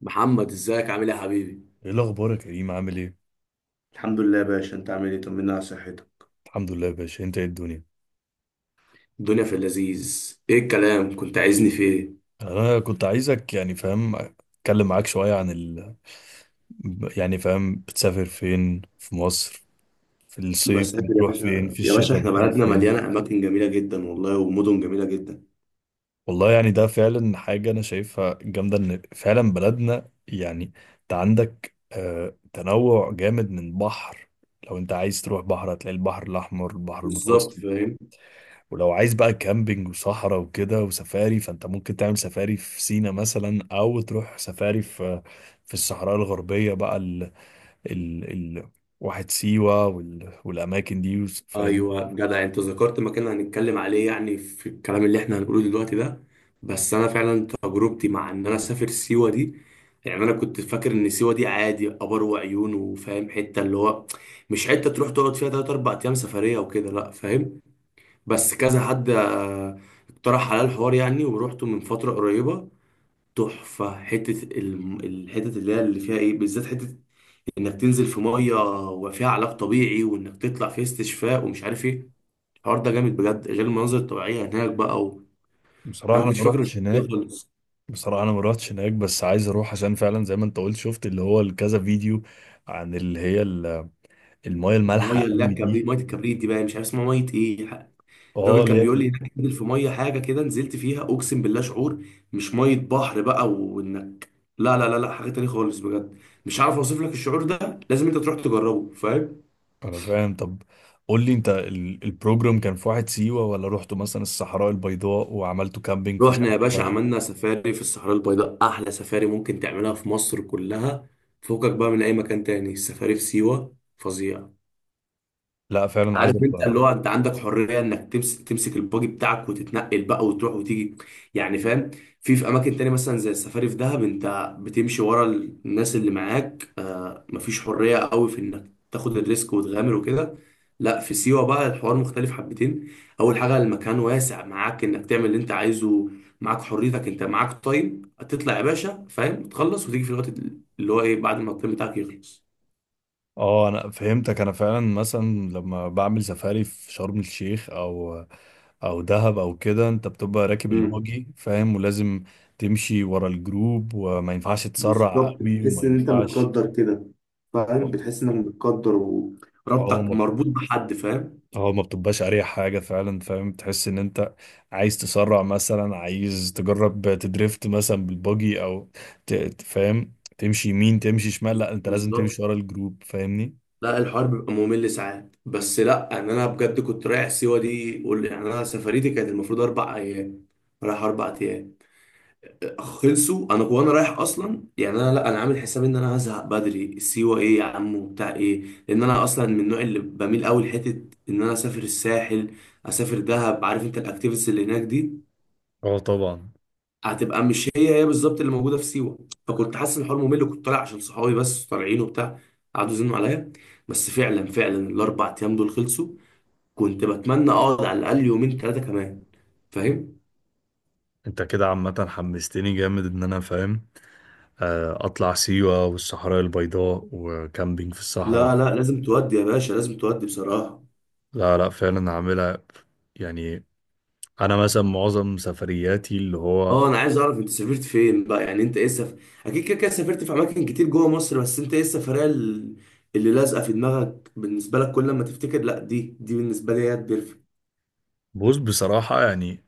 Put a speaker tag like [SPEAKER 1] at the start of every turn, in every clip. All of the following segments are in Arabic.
[SPEAKER 1] محمد، ازيك عامل ايه يا حبيبي؟
[SPEAKER 2] ايه الاخبار يا كريم، عامل ايه؟
[SPEAKER 1] الحمد لله يا باشا. انت عامل ايه؟ طمنا على صحتك.
[SPEAKER 2] الحمد لله يا باشا، انت ايه الدنيا؟
[SPEAKER 1] الدنيا في اللذيذ. ايه الكلام، كنت عايزني في ايه؟
[SPEAKER 2] انا كنت عايزك يعني فاهم اتكلم معاك شويه عن يعني فاهم، بتسافر فين في مصر؟ في الصيف
[SPEAKER 1] بسافر يا
[SPEAKER 2] بتروح فين؟
[SPEAKER 1] باشا
[SPEAKER 2] في
[SPEAKER 1] يا باشا
[SPEAKER 2] الشتاء
[SPEAKER 1] احنا
[SPEAKER 2] بتروح
[SPEAKER 1] بلدنا
[SPEAKER 2] فين؟
[SPEAKER 1] مليانة أماكن جميلة جدا والله، ومدن جميلة جدا.
[SPEAKER 2] والله يعني ده فعلا حاجه انا شايفها جامده ان فعلا بلدنا يعني، انت عندك تنوع جامد من بحر. لو انت عايز تروح بحر هتلاقي البحر الاحمر، البحر
[SPEAKER 1] بالظبط
[SPEAKER 2] المتوسط.
[SPEAKER 1] فاهم.
[SPEAKER 2] ولو عايز بقى كامبينج وصحراء وكده وسفاري، فانت ممكن تعمل سفاري في سينا مثلا او تروح سفاري في الصحراء الغربية بقى ال ال ال واحد سيوة والاماكن دي فاهم.
[SPEAKER 1] ايوه جدع، انت ذكرت مكان هنتكلم عليه يعني في الكلام اللي احنا هنقوله دلوقتي ده. بس انا فعلا تجربتي مع ان انا اسافر سيوه دي، يعني انا كنت فاكر ان سيوه دي عادي، ابر وعيون وفاهم، حته اللي هو مش حته تروح تقعد فيها 3 4 ايام سفريه وكده، لا فاهم. بس كذا حد اقترح على الحوار يعني، ورحته من فترة قريبة. تحفة حتة الحتت اللي هي اللي فيها ايه بالذات، حتة انك تنزل في مية، وفيها علاج طبيعي وانك تطلع في استشفاء ومش عارف ايه. الحوار ده جامد بجد، غير المناظر الطبيعية هناك بقى. و... انا
[SPEAKER 2] بصراحة
[SPEAKER 1] ما
[SPEAKER 2] انا
[SPEAKER 1] كنتش
[SPEAKER 2] ما
[SPEAKER 1] فاكر ان
[SPEAKER 2] روحتش
[SPEAKER 1] كده
[SPEAKER 2] هناك.
[SPEAKER 1] خالص.
[SPEAKER 2] بصراحة انا ما روحتش هناك، بس عايز اروح عشان فعلا زي ما انت قلت، شفت اللي هو كذا فيديو عن اللي هي المايه المالحة
[SPEAKER 1] المية اللي هي
[SPEAKER 2] قوي
[SPEAKER 1] الكبريت،
[SPEAKER 2] دي.
[SPEAKER 1] مية الكبريت دي بقى مش عارف اسمها مية ايه.
[SPEAKER 2] اه،
[SPEAKER 1] الراجل
[SPEAKER 2] اللي
[SPEAKER 1] كان بيقول
[SPEAKER 2] هي
[SPEAKER 1] لي انك تنزل في ميه حاجه كده، نزلت فيها اقسم بالله، شعور مش ميه بحر بقى، وانك، لا لا لا لا، حاجه تانية خالص بجد. مش عارف اوصف لك الشعور ده، لازم انت تروح تجربه فاهم.
[SPEAKER 2] انا فاهم. طب، قول لي انت البروجرام كان في واحد سيوة، ولا رحتوا مثلا الصحراء البيضاء وعملتوا كامبينج في
[SPEAKER 1] رحنا يا باشا،
[SPEAKER 2] الصحراء؟
[SPEAKER 1] عملنا سفاري في الصحراء البيضاء، احلى سفاري ممكن تعملها في مصر كلها. فوقك بقى من اي مكان تاني، السفاري في سيوه فظيع.
[SPEAKER 2] لا، فعلا عايز
[SPEAKER 1] عارف انت
[SPEAKER 2] ابقى.
[SPEAKER 1] اللي هو انت عندك حريه انك تمسك الباجي بتاعك وتتنقل بقى وتروح وتيجي، يعني فاهم. في اماكن تانية مثلا زي السفاري في دهب، انت بتمشي ورا الناس اللي معاك، مفيش حريه قوي في انك تاخد الريسك وتغامر وكده. لا في سيوه بقى الحوار مختلف حبتين. اول حاجه المكان واسع، معاك انك تعمل اللي انت عايزه، معاك حريتك، انت معاك تايم تطلع يا باشا فاهم، تخلص وتيجي في الوقت اللي هو ايه بعد ما التايم بتاعك يخلص.
[SPEAKER 2] اه، انا فهمتك. انا فعلا مثلا، لما بعمل سفاري في شرم الشيخ او دهب او كده، انت بتبقى راكب البuggy فاهم، ولازم تمشي ورا الجروب وما ينفعش تسرع
[SPEAKER 1] بالظبط،
[SPEAKER 2] قوي وما
[SPEAKER 1] بتحس ان انت
[SPEAKER 2] ينفعش...
[SPEAKER 1] متقدر كده فاهم، بتحس انك متقدر،
[SPEAKER 2] اه
[SPEAKER 1] وربطك
[SPEAKER 2] ما
[SPEAKER 1] مربوط بحد فاهم.
[SPEAKER 2] اه ما بتبقاش اريح حاجه فعلا، فاهم. تحس ان انت عايز تسرع مثلا، عايز تجرب تدريفت مثلا بالبوجي او فاهم، تمشي يمين، تمشي شمال، لا انت لازم
[SPEAKER 1] بالظبط.
[SPEAKER 2] تمشي ورا الجروب فاهمني.
[SPEAKER 1] لا الحوار بيبقى ممل ساعات، بس لا، ان انا بجد كنت رايح سيوه دي قول يعني، انا سفريتي كانت المفروض اربع ايام، رايح اربع ايام، خلصوا انا وانا رايح اصلا. يعني انا، لا انا عامل حساب ان انا هزهق بدري، سيوه ايه يا عم وبتاع ايه، لان انا اصلا من النوع اللي بميل قوي لحته ان انا اسافر الساحل، اسافر دهب. عارف انت الاكتيفيتيز اللي هناك دي
[SPEAKER 2] اه طبعا.
[SPEAKER 1] هتبقى مش هي هي بالظبط اللي موجوده في سيوه. فكنت حاسس ان الحوار ممل، وكنت طالع عشان صحابي بس طالعين وبتاع، قعدوا يزنوا عليا. بس فعلا فعلا الاربع ايام دول خلصوا، كنت بتمنى اقعد على الاقل يومين ثلاثه كمان فاهم.
[SPEAKER 2] انت كده عامة حمستني جامد ان انا فاهم اطلع سيوة والصحراء البيضاء وكامبينج في الصحراء.
[SPEAKER 1] لا لا، لازم تودي يا باشا، لازم تودي بصراحه.
[SPEAKER 2] لا لا فعلا هعملها. يعني انا مثلا معظم سفرياتي اللي هو...
[SPEAKER 1] اه، انا عايز اعرف انت سافرت فين بقى، يعني انت ايه سف... اكيد كده كده سافرت في اماكن كتير جوه مصر، بس انت ايه السفريه اللي لازقه في دماغك، بالنسبه لك كل ما تفتكر، لا دي دي بالنسبه لي هي البرفكت.
[SPEAKER 2] بص، بصراحة يعني،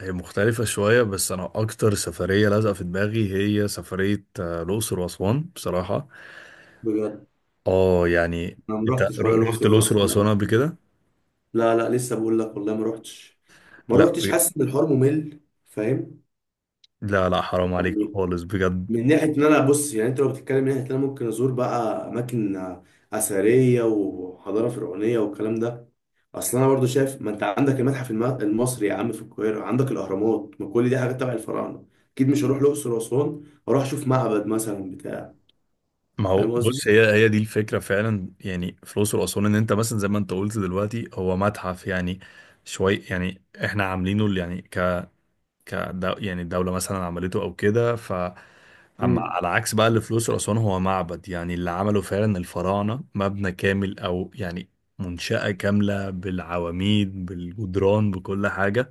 [SPEAKER 2] هي مختلفة شوية، بس أنا أكتر سفرية لازقة في دماغي هي سفرية الأقصر وأسوان، بصراحة.
[SPEAKER 1] بجد،
[SPEAKER 2] آه، يعني...
[SPEAKER 1] انا ما
[SPEAKER 2] أنت
[SPEAKER 1] رحتش ولا
[SPEAKER 2] رحت
[SPEAKER 1] لوكسور ولا
[SPEAKER 2] الأقصر
[SPEAKER 1] اسوان.
[SPEAKER 2] وأسوان قبل كده؟
[SPEAKER 1] لا لا، لسه بقول لك والله ما روحتش. ما
[SPEAKER 2] لا
[SPEAKER 1] روحتش، حاسس ان الحوار ممل فاهم.
[SPEAKER 2] لا لا، حرام عليك
[SPEAKER 1] يعني
[SPEAKER 2] خالص بجد.
[SPEAKER 1] من ناحيه ان انا بص، يعني انت لو بتتكلم من ناحيه ان انا ممكن ازور بقى اماكن اثريه وحضاره فرعونيه والكلام ده، اصل انا برضو شايف ما انت عندك المتحف المصري يا عم في القاهره، عندك الاهرامات، ما كل دي حاجات تبع الفراعنه. اكيد مش هروح الاقصر واسوان واروح اشوف معبد مثلا بتاع.
[SPEAKER 2] ما هو
[SPEAKER 1] فاهم قصدي.
[SPEAKER 2] بص، هي هي دي الفكرة فعلا، يعني في الأقصر وأسوان، إن أنت مثلا زي ما أنت قلت دلوقتي هو متحف يعني شوي، يعني إحنا عاملينه اللي يعني ك ك يعني الدولة مثلا عملته أو كده. اما
[SPEAKER 1] مم.
[SPEAKER 2] على عكس بقى اللي في الاقصر واسوان هو معبد، يعني اللي عمله فعلا الفراعنه، مبنى كامل او يعني منشأة كاملة بالعواميد بالجدران بكل حاجة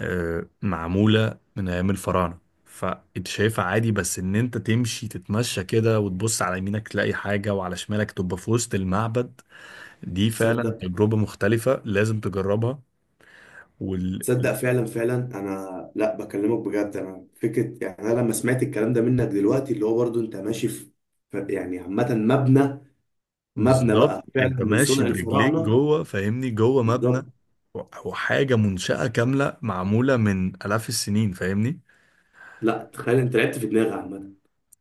[SPEAKER 2] معمولة من أيام الفراعنة. فأنت شايفها عادي، بس إن أنت تمشي تتمشى كده وتبص على يمينك تلاقي حاجة وعلى شمالك تبقى في وسط المعبد. دي فعلا
[SPEAKER 1] تصدق
[SPEAKER 2] تجربة مختلفة، لازم تجربها.
[SPEAKER 1] تصدق فعلا فعلا انا، لا بكلمك بجد. انا فكره يعني، انا لما سمعت الكلام ده منك دلوقتي اللي هو برضو انت ماشي في يعني عامه مبنى، مبنى
[SPEAKER 2] بالظبط،
[SPEAKER 1] بقى
[SPEAKER 2] انت
[SPEAKER 1] فعلا من
[SPEAKER 2] ماشي
[SPEAKER 1] صنع
[SPEAKER 2] برجليك
[SPEAKER 1] الفراعنه.
[SPEAKER 2] جوه فاهمني، جوه مبنى.
[SPEAKER 1] بالظبط.
[SPEAKER 2] وحاجة منشأة كاملة معمولة من آلاف السنين فاهمني.
[SPEAKER 1] لا تخيل، انت لعبت في دماغي عامه.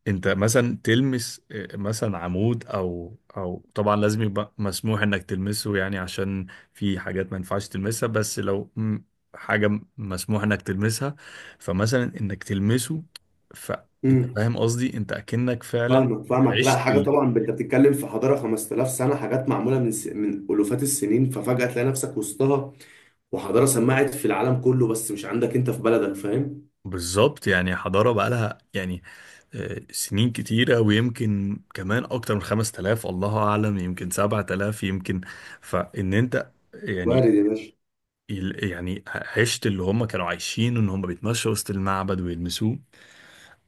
[SPEAKER 2] انت مثلا تلمس اه، مثلا عمود او طبعا لازم يبقى مسموح انك تلمسه، يعني عشان في حاجات ما ينفعش تلمسها. بس لو حاجة مسموح انك تلمسها، فمثلا انك تلمسه، فانت
[SPEAKER 1] امم
[SPEAKER 2] فاهم قصدي، انت اكنك فعلا
[SPEAKER 1] فاهمك فاهمك، لا
[SPEAKER 2] عشت
[SPEAKER 1] حاجه
[SPEAKER 2] ال-
[SPEAKER 1] طبعا، انت بتتكلم في حضاره 5000 سنه، حاجات معموله من س... من الوفات السنين، ففجاه تلاقي نفسك وسطها، وحضاره سمعت في العالم كله بس مش عندك انت في بلدك فاهم.
[SPEAKER 2] بالظبط يعني حضارة بقالها يعني سنين كتيرة، ويمكن كمان أكتر من خمس تلاف الله أعلم، يمكن سبعة تلاف يمكن. فإن أنت يعني
[SPEAKER 1] وارد يا باشا.
[SPEAKER 2] يعني عشت اللي هم كانوا عايشين، إن هم بيتمشوا وسط المعبد ويلمسوه.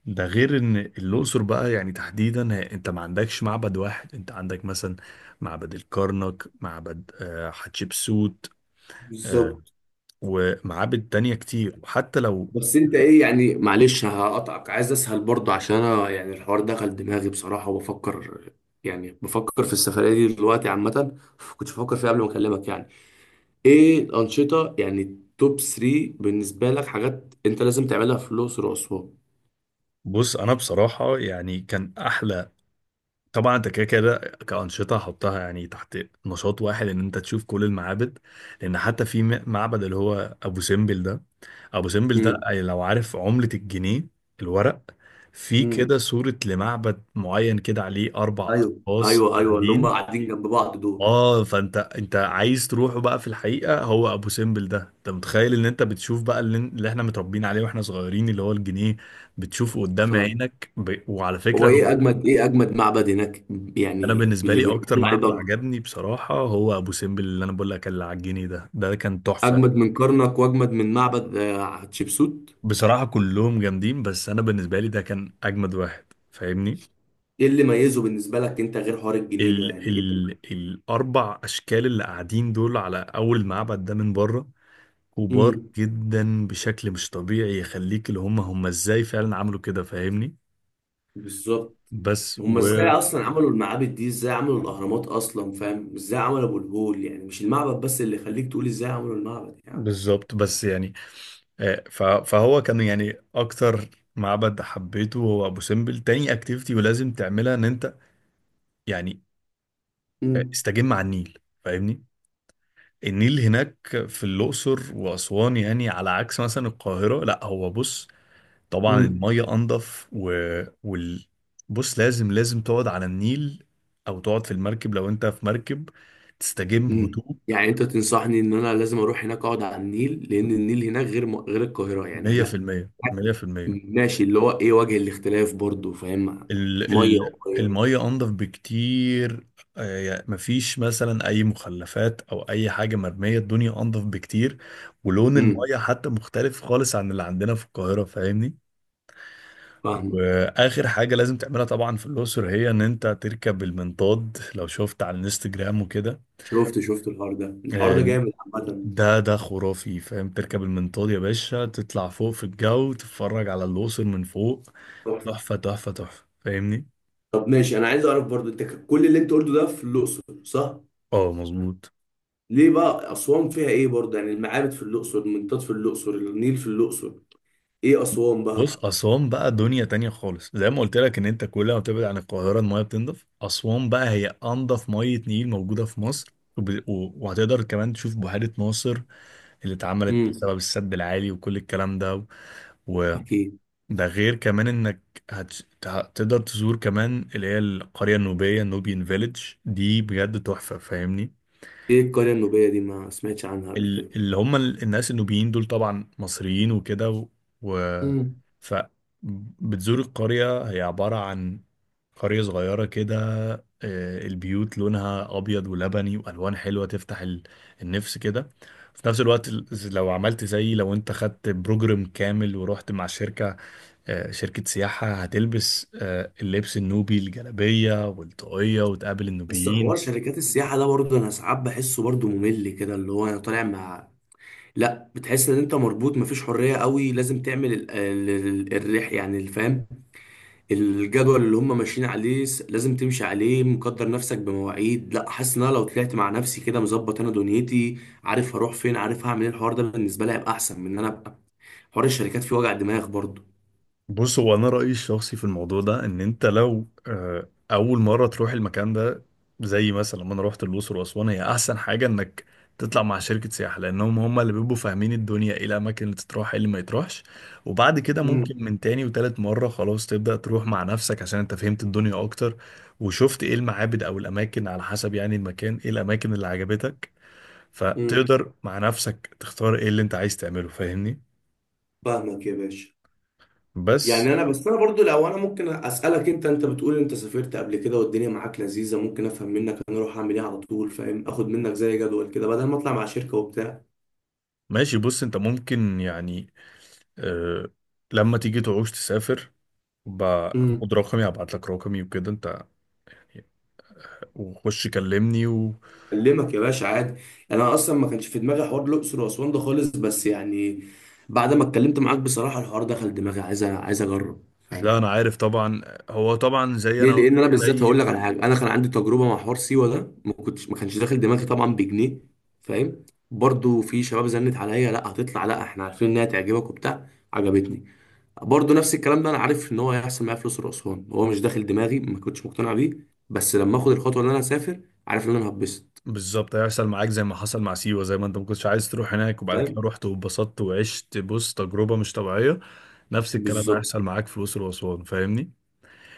[SPEAKER 2] ده غير إن الأقصر بقى، يعني تحديدا أنت ما عندكش معبد واحد، أنت عندك مثلا معبد الكرنك، معبد حتشبسوت آه،
[SPEAKER 1] بالظبط.
[SPEAKER 2] ومعابد تانية كتير، وحتى لو...
[SPEAKER 1] بس انت ايه يعني، معلش هقطعك عايز اسهل برضه، عشان انا يعني الحوار دخل دماغي بصراحة وبفكر، يعني بفكر في السفرية دي دلوقتي عامة، كنت بفكر فيها قبل ما اكلمك. يعني ايه الأنشطة، يعني توب 3 بالنسبة لك، حاجات انت لازم تعملها في الأقصر وأسوان.
[SPEAKER 2] بص أنا بصراحة يعني كان أحلى. طبعا انت كده كده كأنشطة حطها يعني تحت نشاط واحد، ان انت تشوف كل المعابد، لان حتى في معبد اللي هو ابو سمبل ده. ابو سمبل ده،
[SPEAKER 1] امم
[SPEAKER 2] أي لو عارف عملة الجنيه، الورق، في كده
[SPEAKER 1] امم
[SPEAKER 2] صورة لمعبد معين كده عليه اربع
[SPEAKER 1] ايوه
[SPEAKER 2] اشخاص
[SPEAKER 1] ايوه ايوه، اللي هم
[SPEAKER 2] قاعدين،
[SPEAKER 1] قاعدين جنب بعض دول
[SPEAKER 2] اه، فانت انت عايز تروحه بقى في الحقيقة. هو ابو سمبل ده، انت متخيل ان انت بتشوف بقى اللي احنا متربيين عليه واحنا صغيرين، اللي هو الجنيه، بتشوفه قدام
[SPEAKER 1] فاهم.
[SPEAKER 2] عينك وعلى
[SPEAKER 1] هو
[SPEAKER 2] فكرة...
[SPEAKER 1] ايه اجمد، ايه اجمد معبد هناك
[SPEAKER 2] انا
[SPEAKER 1] يعني
[SPEAKER 2] بالنسبه
[SPEAKER 1] اللي
[SPEAKER 2] لي
[SPEAKER 1] بيعملوا
[SPEAKER 2] اكتر
[SPEAKER 1] عليه
[SPEAKER 2] معبد
[SPEAKER 1] ضجة؟
[SPEAKER 2] عجبني بصراحه هو ابو سمبل، اللي انا بقول لك اللي على الجنيه ده، ده كان تحفه.
[SPEAKER 1] اجمد من كرنك واجمد من معبد حتشبسوت؟
[SPEAKER 2] بصراحه كلهم جامدين، بس انا بالنسبه لي ده كان اجمد واحد فاهمني.
[SPEAKER 1] ايه اللي ميزه بالنسبه لك انت غير حوار الجنيه ده،
[SPEAKER 2] ال
[SPEAKER 1] يعني ايه؟
[SPEAKER 2] ال الاربع اشكال اللي قاعدين دول على اول معبد ده من بره، كبار
[SPEAKER 1] امم
[SPEAKER 2] جدا بشكل مش طبيعي، يخليك اللي هم ازاي فعلا عملوا كده فاهمني.
[SPEAKER 1] بالظبط.
[SPEAKER 2] بس
[SPEAKER 1] هم ازاي اصلا عملوا المعابد دي، ازاي عملوا الاهرامات اصلا فاهم، ازاي عملوا ابو الهول، يعني مش المعبد بس اللي يخليك تقول ازاي عملوا المعبد يعني.
[SPEAKER 2] بالظبط. بس يعني فهو كان يعني اكتر معبد حبيته هو ابو سمبل. تاني اكتيفيتي ولازم تعملها ان انت يعني
[SPEAKER 1] امم
[SPEAKER 2] استجم على النيل فاهمني. النيل هناك في الاقصر واسوان يعني على عكس مثلا القاهره، لا هو بص، طبعا
[SPEAKER 1] امم
[SPEAKER 2] الميه انضف وال... بص لازم تقعد على النيل، او تقعد في المركب لو انت في مركب، تستجم،
[SPEAKER 1] امم
[SPEAKER 2] هدوء.
[SPEAKER 1] يعني انت تنصحني ان انا لازم اروح هناك اقعد على النيل، لان النيل هناك غير م... غير القاهره يعني هناك.
[SPEAKER 2] 100% 100%.
[SPEAKER 1] ماشي، اللي هو ايه وجه الاختلاف برضو فاهم؟
[SPEAKER 2] ال
[SPEAKER 1] ميه
[SPEAKER 2] ال
[SPEAKER 1] وميه.
[SPEAKER 2] المية أنضف بكتير يعني مفيش مثلا أي مخلفات أو أي حاجة مرمية، الدنيا أنضف بكتير، ولون
[SPEAKER 1] امم
[SPEAKER 2] المية حتى مختلف خالص عن اللي عندنا في القاهرة فاهمني.
[SPEAKER 1] فاهمه.
[SPEAKER 2] وآخر حاجة لازم تعملها طبعا في الأقصر هي إن أنت تركب المنطاد، لو شفت على الانستجرام وكده
[SPEAKER 1] شفت شفت، الحوار ده، الحوار
[SPEAKER 2] آه،
[SPEAKER 1] ده جامد.
[SPEAKER 2] ده خرافي فاهم. تركب المنطاد يا باشا، تطلع فوق في الجو، تتفرج على الأقصر من فوق،
[SPEAKER 1] عامه
[SPEAKER 2] تحفة تحفة تحفة فاهمني.
[SPEAKER 1] طب ماشي، انا عايز اعرف برضو انت كل اللي انت قلته ده في الاقصر صح؟
[SPEAKER 2] اه مظبوط.
[SPEAKER 1] ليه بقى اسوان فيها ايه برضو؟ يعني المعابد في الاقصر، المنطاد في الاقصر، النيل في الاقصر، ايه اسوان بقى؟
[SPEAKER 2] بص أسوان بقى دنيا تانية خالص، زي ما قلت لك، إن أنت كل ما بتبعد عن القاهرة المية بتنضف. أسوان بقى هي أنضف مية نيل موجودة في مصر، وهتقدر كمان تشوف بحيرة ناصر اللي اتعملت
[SPEAKER 1] امم
[SPEAKER 2] بسبب السد العالي وكل الكلام ده. وده
[SPEAKER 1] اكيد.
[SPEAKER 2] غير كمان إنك هتقدر تزور كمان اللي هي القرية النوبية، نوبيان فيليج. دي بجد تحفة فاهمني.
[SPEAKER 1] ايه القريه النوبيه دي، ما سمعتش عنها قبل كده.
[SPEAKER 2] الناس النوبيين دول طبعا مصريين وكده و... و...
[SPEAKER 1] امم
[SPEAKER 2] ف بتزور القرية، هي عبارة عن قرية صغيرة كده. البيوت لونها أبيض ولبني وألوان حلوة، تفتح النفس كده. في نفس الوقت لو عملت زي، لو انت خدت بروجرام كامل ورحت مع شركة شركة سياحة، هتلبس اللبس النوبي، الجلابية والطاقية، وتقابل
[SPEAKER 1] بس حوار
[SPEAKER 2] النوبيين.
[SPEAKER 1] شركات السياحه ده برضه انا ساعات بحسه برضه ممل كده، اللي هو انا طالع مع، لا بتحس ان انت مربوط، مفيش حريه قوي، لازم تعمل الرح يعني الفهم، الجدول اللي هم ماشيين عليه لازم تمشي عليه، مقدر نفسك بمواعيد. لا حاسس ان انا لو طلعت مع نفسي كده مظبط انا دنيتي، عارف هروح فين عارف هعمل ايه، الحوار ده بالنسبه لي هيبقى احسن من ان انا ابقى حوار الشركات فيه وجع دماغ برضه.
[SPEAKER 2] بص هو انا رايي الشخصي في الموضوع ده، ان انت لو اول مره تروح المكان ده، زي مثلا لما انا رحت الاقصر واسوان، هي احسن حاجه انك تطلع مع شركه سياحه، لانهم هم اللي بيبقوا فاهمين الدنيا ايه الاماكن اللي تتروح ايه اللي ما يتروحش. وبعد كده
[SPEAKER 1] امم
[SPEAKER 2] ممكن من تاني وتالت مره خلاص تبدا تروح مع نفسك عشان انت فهمت الدنيا اكتر، وشفت ايه المعابد او الاماكن، على حسب يعني المكان ايه الاماكن اللي عجبتك،
[SPEAKER 1] امم
[SPEAKER 2] فتقدر مع نفسك تختار ايه اللي انت عايز تعمله فاهمني.
[SPEAKER 1] فاهمك يا باشا.
[SPEAKER 2] بس.
[SPEAKER 1] يعني انا بس انا برضو لو انا ممكن اسالك، انت بتقول انت سافرت قبل كده والدنيا معاك لذيذه، ممكن افهم منك انا اروح اعمل ايه على طول فاهم، اخد منك زي جدول كده بدل ما اطلع مع شركه وبتاع.
[SPEAKER 2] ماشي، بص انت ممكن يعني أه لما تيجي تعوز تسافر، باخد رقمي، هبعت لك رقمي وكده، انت وخش كلمني
[SPEAKER 1] اكلمك يا باشا عادي. يعني انا اصلا ما كانش في دماغي حوار الاقصر واسوان ده خالص، بس يعني بعد ما اتكلمت معاك بصراحه الحوار دخل دماغي، عايز عايز اجرب
[SPEAKER 2] لا،
[SPEAKER 1] فاهم.
[SPEAKER 2] انا عارف طبعا. هو طبعا
[SPEAKER 1] ليه، لان انا بالذات
[SPEAKER 2] زي
[SPEAKER 1] هقول لك على حاجه، انا كان عندي تجربه مع حوار سيوه ده، ما كانش داخل دماغي طبعا بجنيه فاهم. برضو في شباب زنت عليا، لا هتطلع، لا احنا عارفين انها تعجبك وبتاع عجبتني. برضو نفس الكلام ده انا عارف ان هو هيحصل معايا في الاقصر واسوان، هو مش داخل دماغي ما كنتش مقتنع بيه، بس لما اخد الخطوه ان انا اسافر عارف ان انا هتبسط
[SPEAKER 2] بالظبط هيحصل معاك زي ما حصل مع سيوة، زي ما انت ما كنتش عايز تروح هناك وبعد كده
[SPEAKER 1] فاهم.
[SPEAKER 2] رحت واتبسطت وعشت بص تجربة مش طبيعية. نفس الكلام
[SPEAKER 1] بالظبط،
[SPEAKER 2] هيحصل معاك في الأقصر وأسوان فاهمني.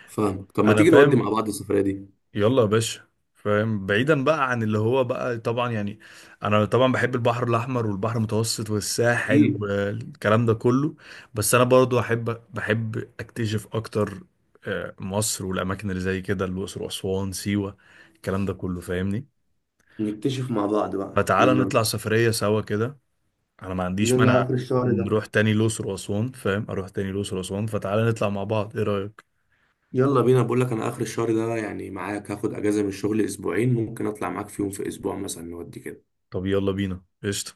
[SPEAKER 1] فاهمك. طب ما
[SPEAKER 2] انا
[SPEAKER 1] تيجي نودي
[SPEAKER 2] فاهم.
[SPEAKER 1] مع بعض السفرية دي؟
[SPEAKER 2] يلا يا باشا فاهم، بعيدا بقى عن اللي هو بقى طبعا يعني، انا طبعا بحب البحر الاحمر والبحر المتوسط والساحل
[SPEAKER 1] اكيد.
[SPEAKER 2] والكلام ده كله، بس انا برضو بحب اكتشف اكتر مصر والاماكن اللي زي كده، الاقصر واسوان سيوه، الكلام ده كله فاهمني.
[SPEAKER 1] نكتشف مع بعض بقى،
[SPEAKER 2] فتعالى
[SPEAKER 1] يلا
[SPEAKER 2] نطلع
[SPEAKER 1] بينا.
[SPEAKER 2] سفريه سوا كده، انا ما عنديش
[SPEAKER 1] يلا
[SPEAKER 2] مانع.
[SPEAKER 1] اخر الشهر ده.
[SPEAKER 2] نروح تاني الاقصر واسوان فاهم، اروح تاني الاقصر واسوان، فتعالى نطلع مع بعض ايه رايك؟
[SPEAKER 1] يلا بينا، بقول لك انا اخر الشهر ده يعني، معاك هاخد اجازة من الشغل اسبوعين ممكن اطلع معاك فيهم في اسبوع مثلا، نودي كده.
[SPEAKER 2] طب يلا بينا قشطه.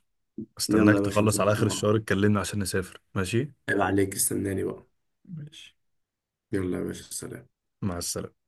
[SPEAKER 1] يلا
[SPEAKER 2] استناك
[SPEAKER 1] يا باشا عشان
[SPEAKER 2] تخلص على
[SPEAKER 1] نظبطها
[SPEAKER 2] اخر
[SPEAKER 1] مع
[SPEAKER 2] الشهر
[SPEAKER 1] بعض.
[SPEAKER 2] اتكلمنا عشان نسافر ماشي.
[SPEAKER 1] عيب عليك، استناني بقى.
[SPEAKER 2] ماشي.
[SPEAKER 1] يلا يا باشا، سلام.
[SPEAKER 2] مع السلامة.